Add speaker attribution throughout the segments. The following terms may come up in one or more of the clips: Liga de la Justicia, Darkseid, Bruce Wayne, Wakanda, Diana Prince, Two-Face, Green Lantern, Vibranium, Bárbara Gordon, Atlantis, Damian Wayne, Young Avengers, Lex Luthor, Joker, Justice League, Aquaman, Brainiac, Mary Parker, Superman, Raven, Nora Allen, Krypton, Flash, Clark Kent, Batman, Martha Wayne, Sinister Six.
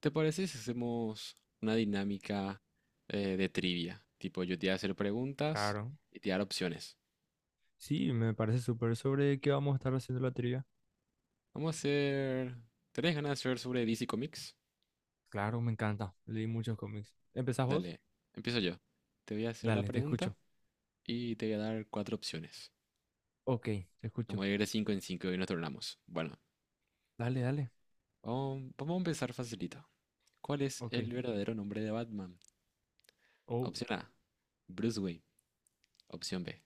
Speaker 1: ¿Te parece si hacemos una dinámica de trivia? Tipo, yo te voy a hacer preguntas
Speaker 2: Claro,
Speaker 1: y te voy a dar opciones.
Speaker 2: sí, me parece súper. ¿Sobre qué vamos a estar haciendo la trivia?
Speaker 1: Vamos a hacer... ¿Tenés ganas de hacer sobre DC Comics?
Speaker 2: Claro, me encanta. Leí muchos cómics. ¿Empezás vos?
Speaker 1: Dale, empiezo yo. Te voy a hacer la
Speaker 2: Dale, te
Speaker 1: pregunta
Speaker 2: escucho.
Speaker 1: y te voy a dar cuatro opciones.
Speaker 2: Ok, te escucho.
Speaker 1: Vamos a ir de cinco en cinco y nos tornamos. Bueno,
Speaker 2: Dale, dale.
Speaker 1: vamos a empezar facilito. ¿Cuál es
Speaker 2: Ok.
Speaker 1: el verdadero nombre de Batman?
Speaker 2: Oh,
Speaker 1: Opción A, Bruce Wayne. Opción B,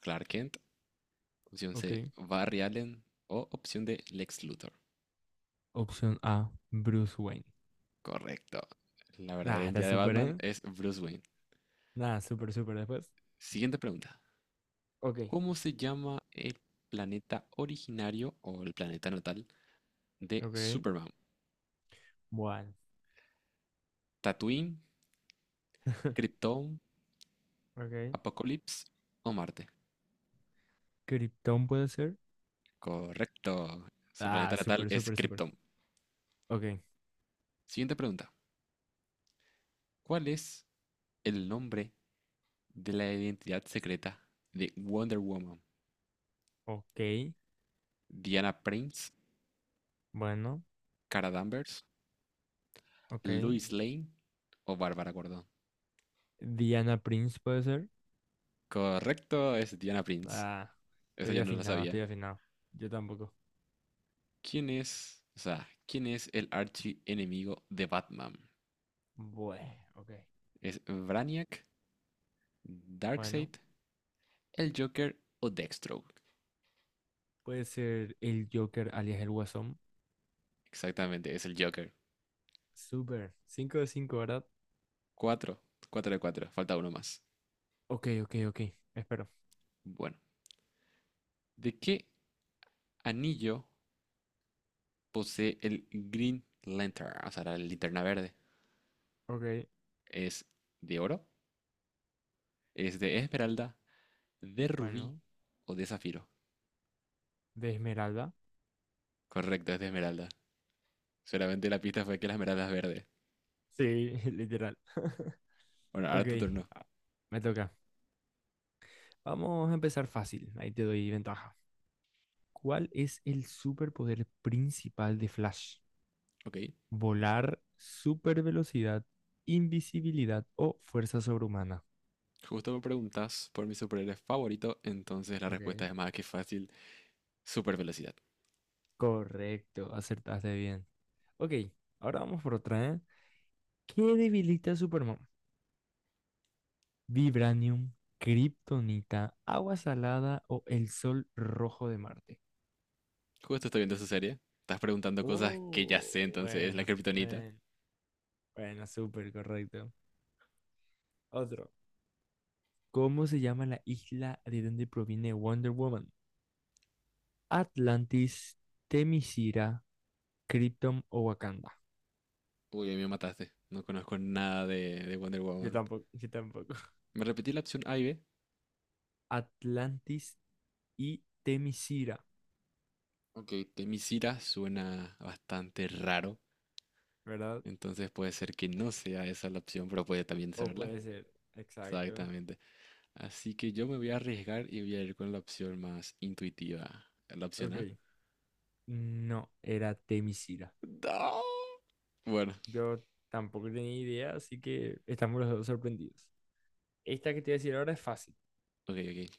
Speaker 1: Clark Kent. Opción
Speaker 2: ok.
Speaker 1: C, Barry Allen. O opción D, Lex Luthor.
Speaker 2: Opción A, Bruce Wayne.
Speaker 1: Correcto. La verdadera
Speaker 2: Ah, está
Speaker 1: identidad de
Speaker 2: súper,
Speaker 1: Batman
Speaker 2: ¿eh?
Speaker 1: es Bruce Wayne.
Speaker 2: Nada, súper, súper después.
Speaker 1: Siguiente pregunta.
Speaker 2: Ok.
Speaker 1: ¿Cómo se llama el planeta originario o el planeta natal de
Speaker 2: Ok,
Speaker 1: Superman?
Speaker 2: bueno.
Speaker 1: ¿Tatooine, Krypton,
Speaker 2: Ok.
Speaker 1: Apocalipsis o Marte?
Speaker 2: Krypton puede ser.
Speaker 1: Correcto. Su
Speaker 2: Ah,
Speaker 1: planeta natal
Speaker 2: súper,
Speaker 1: es
Speaker 2: súper, súper.
Speaker 1: Krypton.
Speaker 2: Ok.
Speaker 1: Siguiente pregunta. ¿Cuál es el nombre de la identidad secreta de Wonder Woman?
Speaker 2: Ok.
Speaker 1: ¿Diana Prince,
Speaker 2: Bueno,
Speaker 1: Cara Danvers,
Speaker 2: ok.
Speaker 1: Lois Lane o Bárbara Gordon?
Speaker 2: Diana Prince puede ser.
Speaker 1: Correcto, es Diana Prince.
Speaker 2: Ah,
Speaker 1: Esa
Speaker 2: estoy
Speaker 1: yo no la
Speaker 2: afinado, estoy
Speaker 1: sabía.
Speaker 2: afinado. Yo tampoco.
Speaker 1: ¿Quién es, o sea, quién es el archienemigo de Batman?
Speaker 2: Bueno, ok.
Speaker 1: ¿Es Brainiac,
Speaker 2: Bueno,
Speaker 1: Darkseid, el Joker o Deathstroke?
Speaker 2: puede ser el Joker alias el Guasón.
Speaker 1: Exactamente, es el Joker.
Speaker 2: Súper. ¿Cinco de cinco, verdad?
Speaker 1: Cuatro, cuatro de cuatro, falta uno más.
Speaker 2: Ok, ok, ok. Espero.
Speaker 1: Bueno, ¿de qué anillo posee el Green Lantern? O sea, la linterna verde.
Speaker 2: Ok,
Speaker 1: ¿Es de oro? ¿Es de esmeralda, de rubí
Speaker 2: bueno.
Speaker 1: o de zafiro?
Speaker 2: De esmeralda.
Speaker 1: Correcto, es de esmeralda. Solamente la pista fue que la esmeralda es verde.
Speaker 2: Sí, literal.
Speaker 1: Bueno,
Speaker 2: Ok,
Speaker 1: ahora tu turno.
Speaker 2: ah, me toca. Vamos a empezar fácil. Ahí te doy ventaja. ¿Cuál es el superpoder principal de Flash?
Speaker 1: Ok.
Speaker 2: ¿Volar, supervelocidad, invisibilidad o fuerza sobrehumana?
Speaker 1: Justo me preguntas por mi superhéroe favorito, entonces la respuesta
Speaker 2: Ok.
Speaker 1: es más que fácil, super velocidad.
Speaker 2: Correcto, acertaste bien. Ok, ahora vamos por otra, ¿eh? ¿Qué debilita a Superman? ¿Vibranium, kryptonita, agua salada o el sol rojo de Marte?
Speaker 1: Justo estoy viendo esa serie, estás preguntando cosas que ya
Speaker 2: Oh,
Speaker 1: sé, entonces es la
Speaker 2: bueno,
Speaker 1: kriptonita.
Speaker 2: bueno, bueno, súper correcto. Otro. ¿Cómo se llama la isla de donde proviene Wonder Woman? ¿Atlantis, Temisira, Krypton o Wakanda?
Speaker 1: Uy, ahí me mataste, no conozco nada de Wonder
Speaker 2: Yo
Speaker 1: Woman.
Speaker 2: tampoco, yo tampoco.
Speaker 1: Me repetí la opción A y B.
Speaker 2: Atlantis y Temisira,
Speaker 1: Ok, Temisira suena bastante raro,
Speaker 2: ¿verdad?
Speaker 1: entonces puede ser que no sea esa la opción, pero puede también
Speaker 2: O
Speaker 1: serla.
Speaker 2: puede ser, exacto.
Speaker 1: Exactamente. Así que yo me voy a arriesgar y voy a ir con la opción más intuitiva. ¿La opción A?
Speaker 2: Ok. No, era Temisira.
Speaker 1: No. Bueno,
Speaker 2: Yo tampoco tenía idea, así que estamos los dos sorprendidos. Esta que te voy a decir ahora es fácil.
Speaker 1: ok, ok,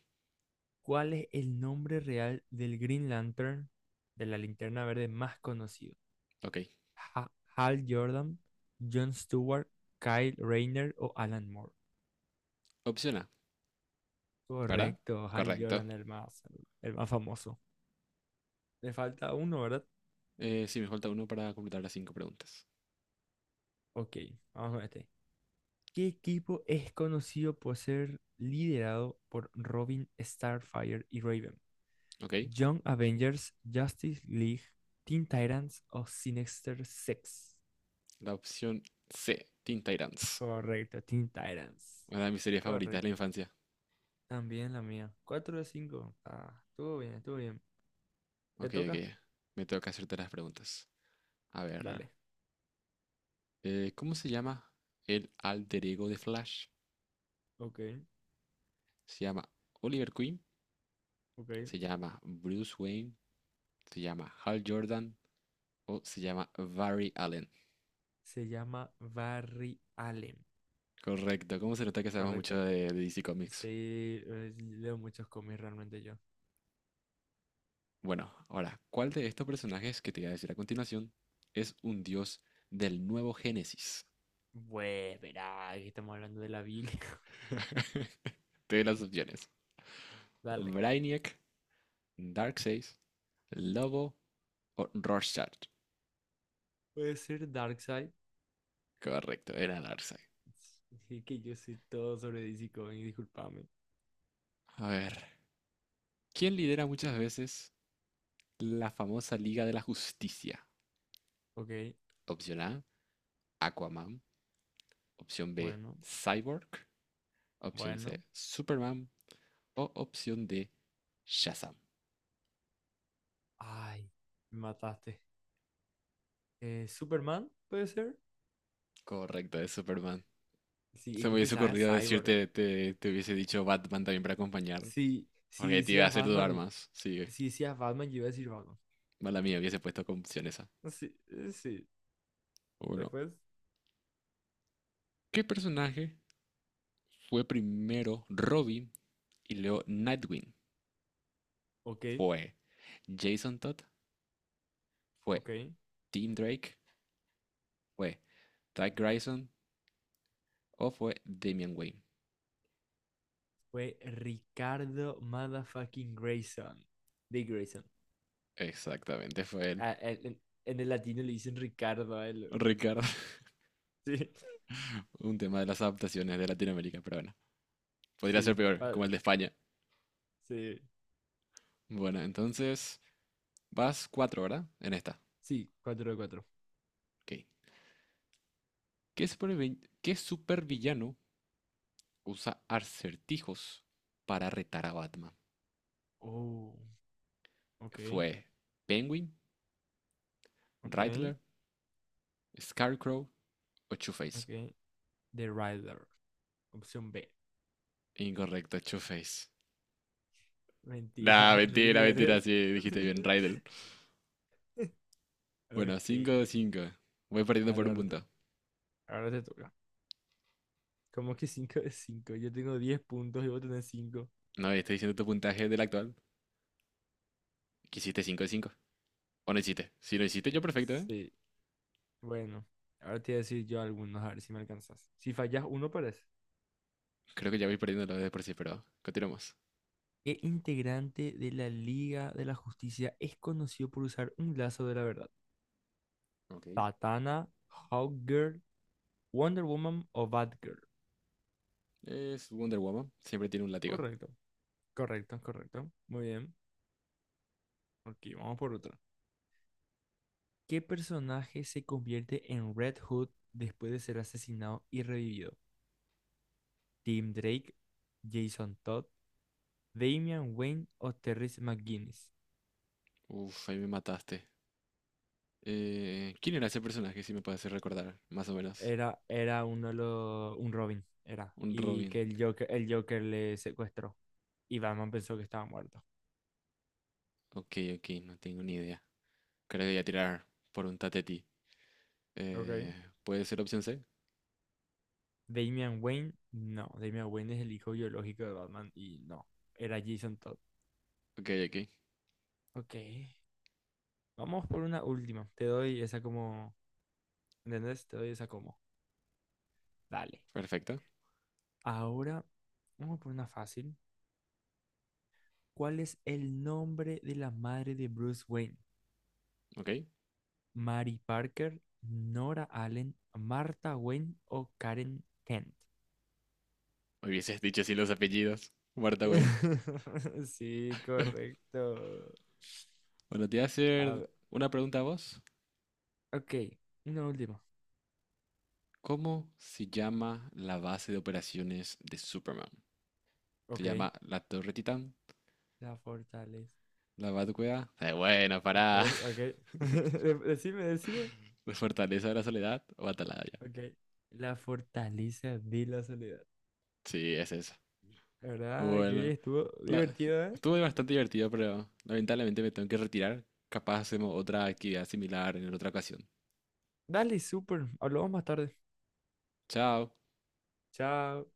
Speaker 2: ¿Cuál es el nombre real del Green Lantern, de la linterna verde más conocido?
Speaker 1: ok.
Speaker 2: Ha- ¿Hal Jordan, John Stewart, Kyle Rayner o Alan Moore?
Speaker 1: Opción A, ¿verdad?
Speaker 2: Correcto, Hal
Speaker 1: Correcto.
Speaker 2: Jordan, el más famoso. Le falta uno, ¿verdad?
Speaker 1: Sí, me falta uno para completar las cinco preguntas.
Speaker 2: Ok, vamos con este. ¿Qué equipo es conocido por ser liderado por Robin, Starfire y Raven?
Speaker 1: Ok.
Speaker 2: ¿Young Avengers, Justice League, Teen Titans o Sinister Six?
Speaker 1: La opción C, Teen Titans.
Speaker 2: Correcto, Teen Titans.
Speaker 1: Una de mis series favoritas de la
Speaker 2: Correcto.
Speaker 1: infancia.
Speaker 2: También la mía. 4 de 5. Ah, estuvo bien, estuvo bien. ¿Te
Speaker 1: Ok,
Speaker 2: toca?
Speaker 1: ok. Me toca hacerte las preguntas. A ver.
Speaker 2: Dale.
Speaker 1: ¿Cómo se llama el alter ego de Flash?
Speaker 2: Ok,
Speaker 1: ¿Se llama Oliver Queen?
Speaker 2: ok.
Speaker 1: ¿Se llama Bruce Wayne? ¿Se llama Hal Jordan? O se llama Barry Allen.
Speaker 2: Se llama Barry Allen.
Speaker 1: Correcto, ¿cómo se nota que sabemos mucho
Speaker 2: Correcto.
Speaker 1: de DC Comics?
Speaker 2: Sí, leo muchos cómics realmente yo.
Speaker 1: Bueno, ahora, ¿cuál de estos personajes que te voy a decir a continuación es un dios del nuevo Génesis?
Speaker 2: Bueno, verá, aquí estamos hablando de la Biblia.
Speaker 1: Te doy las opciones.
Speaker 2: Dale.
Speaker 1: Brainiac, Darkseid, Lobo o Rorschach.
Speaker 2: Puede ser Darkseid.
Speaker 1: Correcto, era Darkseid.
Speaker 2: Sí, que yo sé todo sobre DC Comics, discúlpame.
Speaker 1: A ver, ¿quién lidera muchas veces la famosa Liga de la Justicia?
Speaker 2: Ok,
Speaker 1: Opción A, Aquaman. Opción B,
Speaker 2: bueno,
Speaker 1: Cyborg. Opción C,
Speaker 2: bueno.
Speaker 1: Superman. O opción D, Shazam.
Speaker 2: Ay, me mataste. ¿Superman puede ser?
Speaker 1: Correcto, es Superman.
Speaker 2: Sí,
Speaker 1: Se
Speaker 2: es
Speaker 1: me
Speaker 2: que
Speaker 1: hubiese
Speaker 2: pensaba en
Speaker 1: ocurrido
Speaker 2: Cyborg.
Speaker 1: decirte, te hubiese dicho Batman también para acompañar.
Speaker 2: Sí, si
Speaker 1: Porque te iba a
Speaker 2: decías
Speaker 1: hacer
Speaker 2: Batman,
Speaker 1: dudar
Speaker 2: y-
Speaker 1: más. Sigue.
Speaker 2: Si decías Batman, yo iba a decir Batman.
Speaker 1: Mala mía, hubiese puesto como opción esa.
Speaker 2: Sí, sí.
Speaker 1: Uno.
Speaker 2: Después,
Speaker 1: ¿Qué personaje fue primero Robin y luego Nightwing?
Speaker 2: ok,
Speaker 1: ¿Fue Jason Todd? ¿Fue
Speaker 2: ok.
Speaker 1: Tim Drake? ¿Fue Doug Grayson? ¿O fue Damian Wayne?
Speaker 2: Fue Ricardo Motherfucking Grayson. De Grayson.
Speaker 1: Exactamente, fue él.
Speaker 2: Ah, en el latino le dicen Ricardo a él.
Speaker 1: Ricardo, un tema de las adaptaciones de Latinoamérica, pero bueno. Podría
Speaker 2: Sí,
Speaker 1: ser
Speaker 2: sí.
Speaker 1: peor, como el de España.
Speaker 2: Sí,
Speaker 1: Bueno, entonces vas cuatro, ¿verdad? En esta.
Speaker 2: sí, 4 de 4.
Speaker 1: Ok. ¿Qué supervillano usa acertijos para retar a Batman?
Speaker 2: Oh, ok,
Speaker 1: ¿Fue Penguin,
Speaker 2: ok,
Speaker 1: Riddler, Scarecrow o Two-Face?
Speaker 2: ok. The Rider. Opción B.
Speaker 1: Incorrecto, Two-Face. Nah,
Speaker 2: Mentira,
Speaker 1: mentira,
Speaker 2: Riddler
Speaker 1: mentira,
Speaker 2: es.
Speaker 1: sí, dijiste bien, Riddler. Bueno,
Speaker 2: Ok.
Speaker 1: 5, de 5. Voy perdiendo
Speaker 2: Dale,
Speaker 1: por un
Speaker 2: ahora te,
Speaker 1: punto.
Speaker 2: ahora te toca. ¿Cómo que cinco de cinco? Yo tengo 10 puntos y vos tenés cinco.
Speaker 1: No, estoy diciendo tu puntaje del actual. ¿Que hiciste 5 de cinco? ¿O no hiciste? Si lo hiciste, yo perfecto, ¿eh?
Speaker 2: Sí. Bueno, ahora te voy a decir yo algunos, a ver si me alcanzas. Si fallas uno, parece.
Speaker 1: Creo que ya voy perdiendo lo de por sí, pero continuamos.
Speaker 2: ¿Qué integrante de la Liga de la Justicia es conocido por usar un lazo de la verdad?
Speaker 1: Ok.
Speaker 2: ¿Satana, Hawkgirl, Wonder Woman o Batgirl?
Speaker 1: Es Wonder Woman, siempre tiene un látigo.
Speaker 2: Correcto, correcto, correcto. Muy bien. Aquí vamos por otra. ¿Qué personaje se convierte en Red Hood después de ser asesinado y revivido? ¿Tim Drake, Jason Todd, Damian Wayne o Terrence McGuinness?
Speaker 1: Uf, ahí me mataste. ¿Quién era ese personaje, si me puedes hacer recordar, más o menos?
Speaker 2: Era uno de los, un Robin, era.
Speaker 1: Un
Speaker 2: Y
Speaker 1: Robin.
Speaker 2: que el Joker le secuestró. Y Batman pensó que estaba muerto.
Speaker 1: Ok, ok, no tengo ni idea. Creo que voy a tirar por un Tateti.
Speaker 2: Ok.
Speaker 1: Eh, ¿Puede ser opción C?
Speaker 2: Damian Wayne, no. Damian Wayne es el hijo biológico de Batman y no. Era Jason Todd.
Speaker 1: Ok, ok,
Speaker 2: Ok. Vamos por una última. Te doy esa como, ¿entendés? Te doy esa como. Dale.
Speaker 1: perfecto.
Speaker 2: Ahora, vamos por una fácil. ¿Cuál es el nombre de la madre de Bruce Wayne?
Speaker 1: Ok,
Speaker 2: ¿Mary Parker, Nora Allen, Martha Wayne o Karen Kent?
Speaker 1: hubieses dicho así los apellidos. Martha Wayne.
Speaker 2: Sí, correcto.
Speaker 1: Bueno, te voy a
Speaker 2: A
Speaker 1: hacer
Speaker 2: ver,
Speaker 1: una pregunta a vos.
Speaker 2: ok, una última.
Speaker 1: ¿Cómo se llama la base de operaciones de Superman? ¿Se
Speaker 2: Ok,
Speaker 1: llama la Torre Titán?
Speaker 2: la fortaleza.
Speaker 1: ¿La Batucueva? Bueno,
Speaker 2: Ok,
Speaker 1: pará.
Speaker 2: ok. Decime, decime.
Speaker 1: Fortaleza de la Soledad o Atalaya.
Speaker 2: Ok. La fortaleza de la soledad.
Speaker 1: Sí, es eso.
Speaker 2: La verdad que
Speaker 1: Bueno,
Speaker 2: estuvo
Speaker 1: la-
Speaker 2: divertido, ¿eh?
Speaker 1: estuvo bastante divertido, pero lamentablemente me tengo que retirar. Capaz hacemos otra actividad similar en otra ocasión.
Speaker 2: Dale, súper. Hablamos más tarde.
Speaker 1: Chao.
Speaker 2: Chao.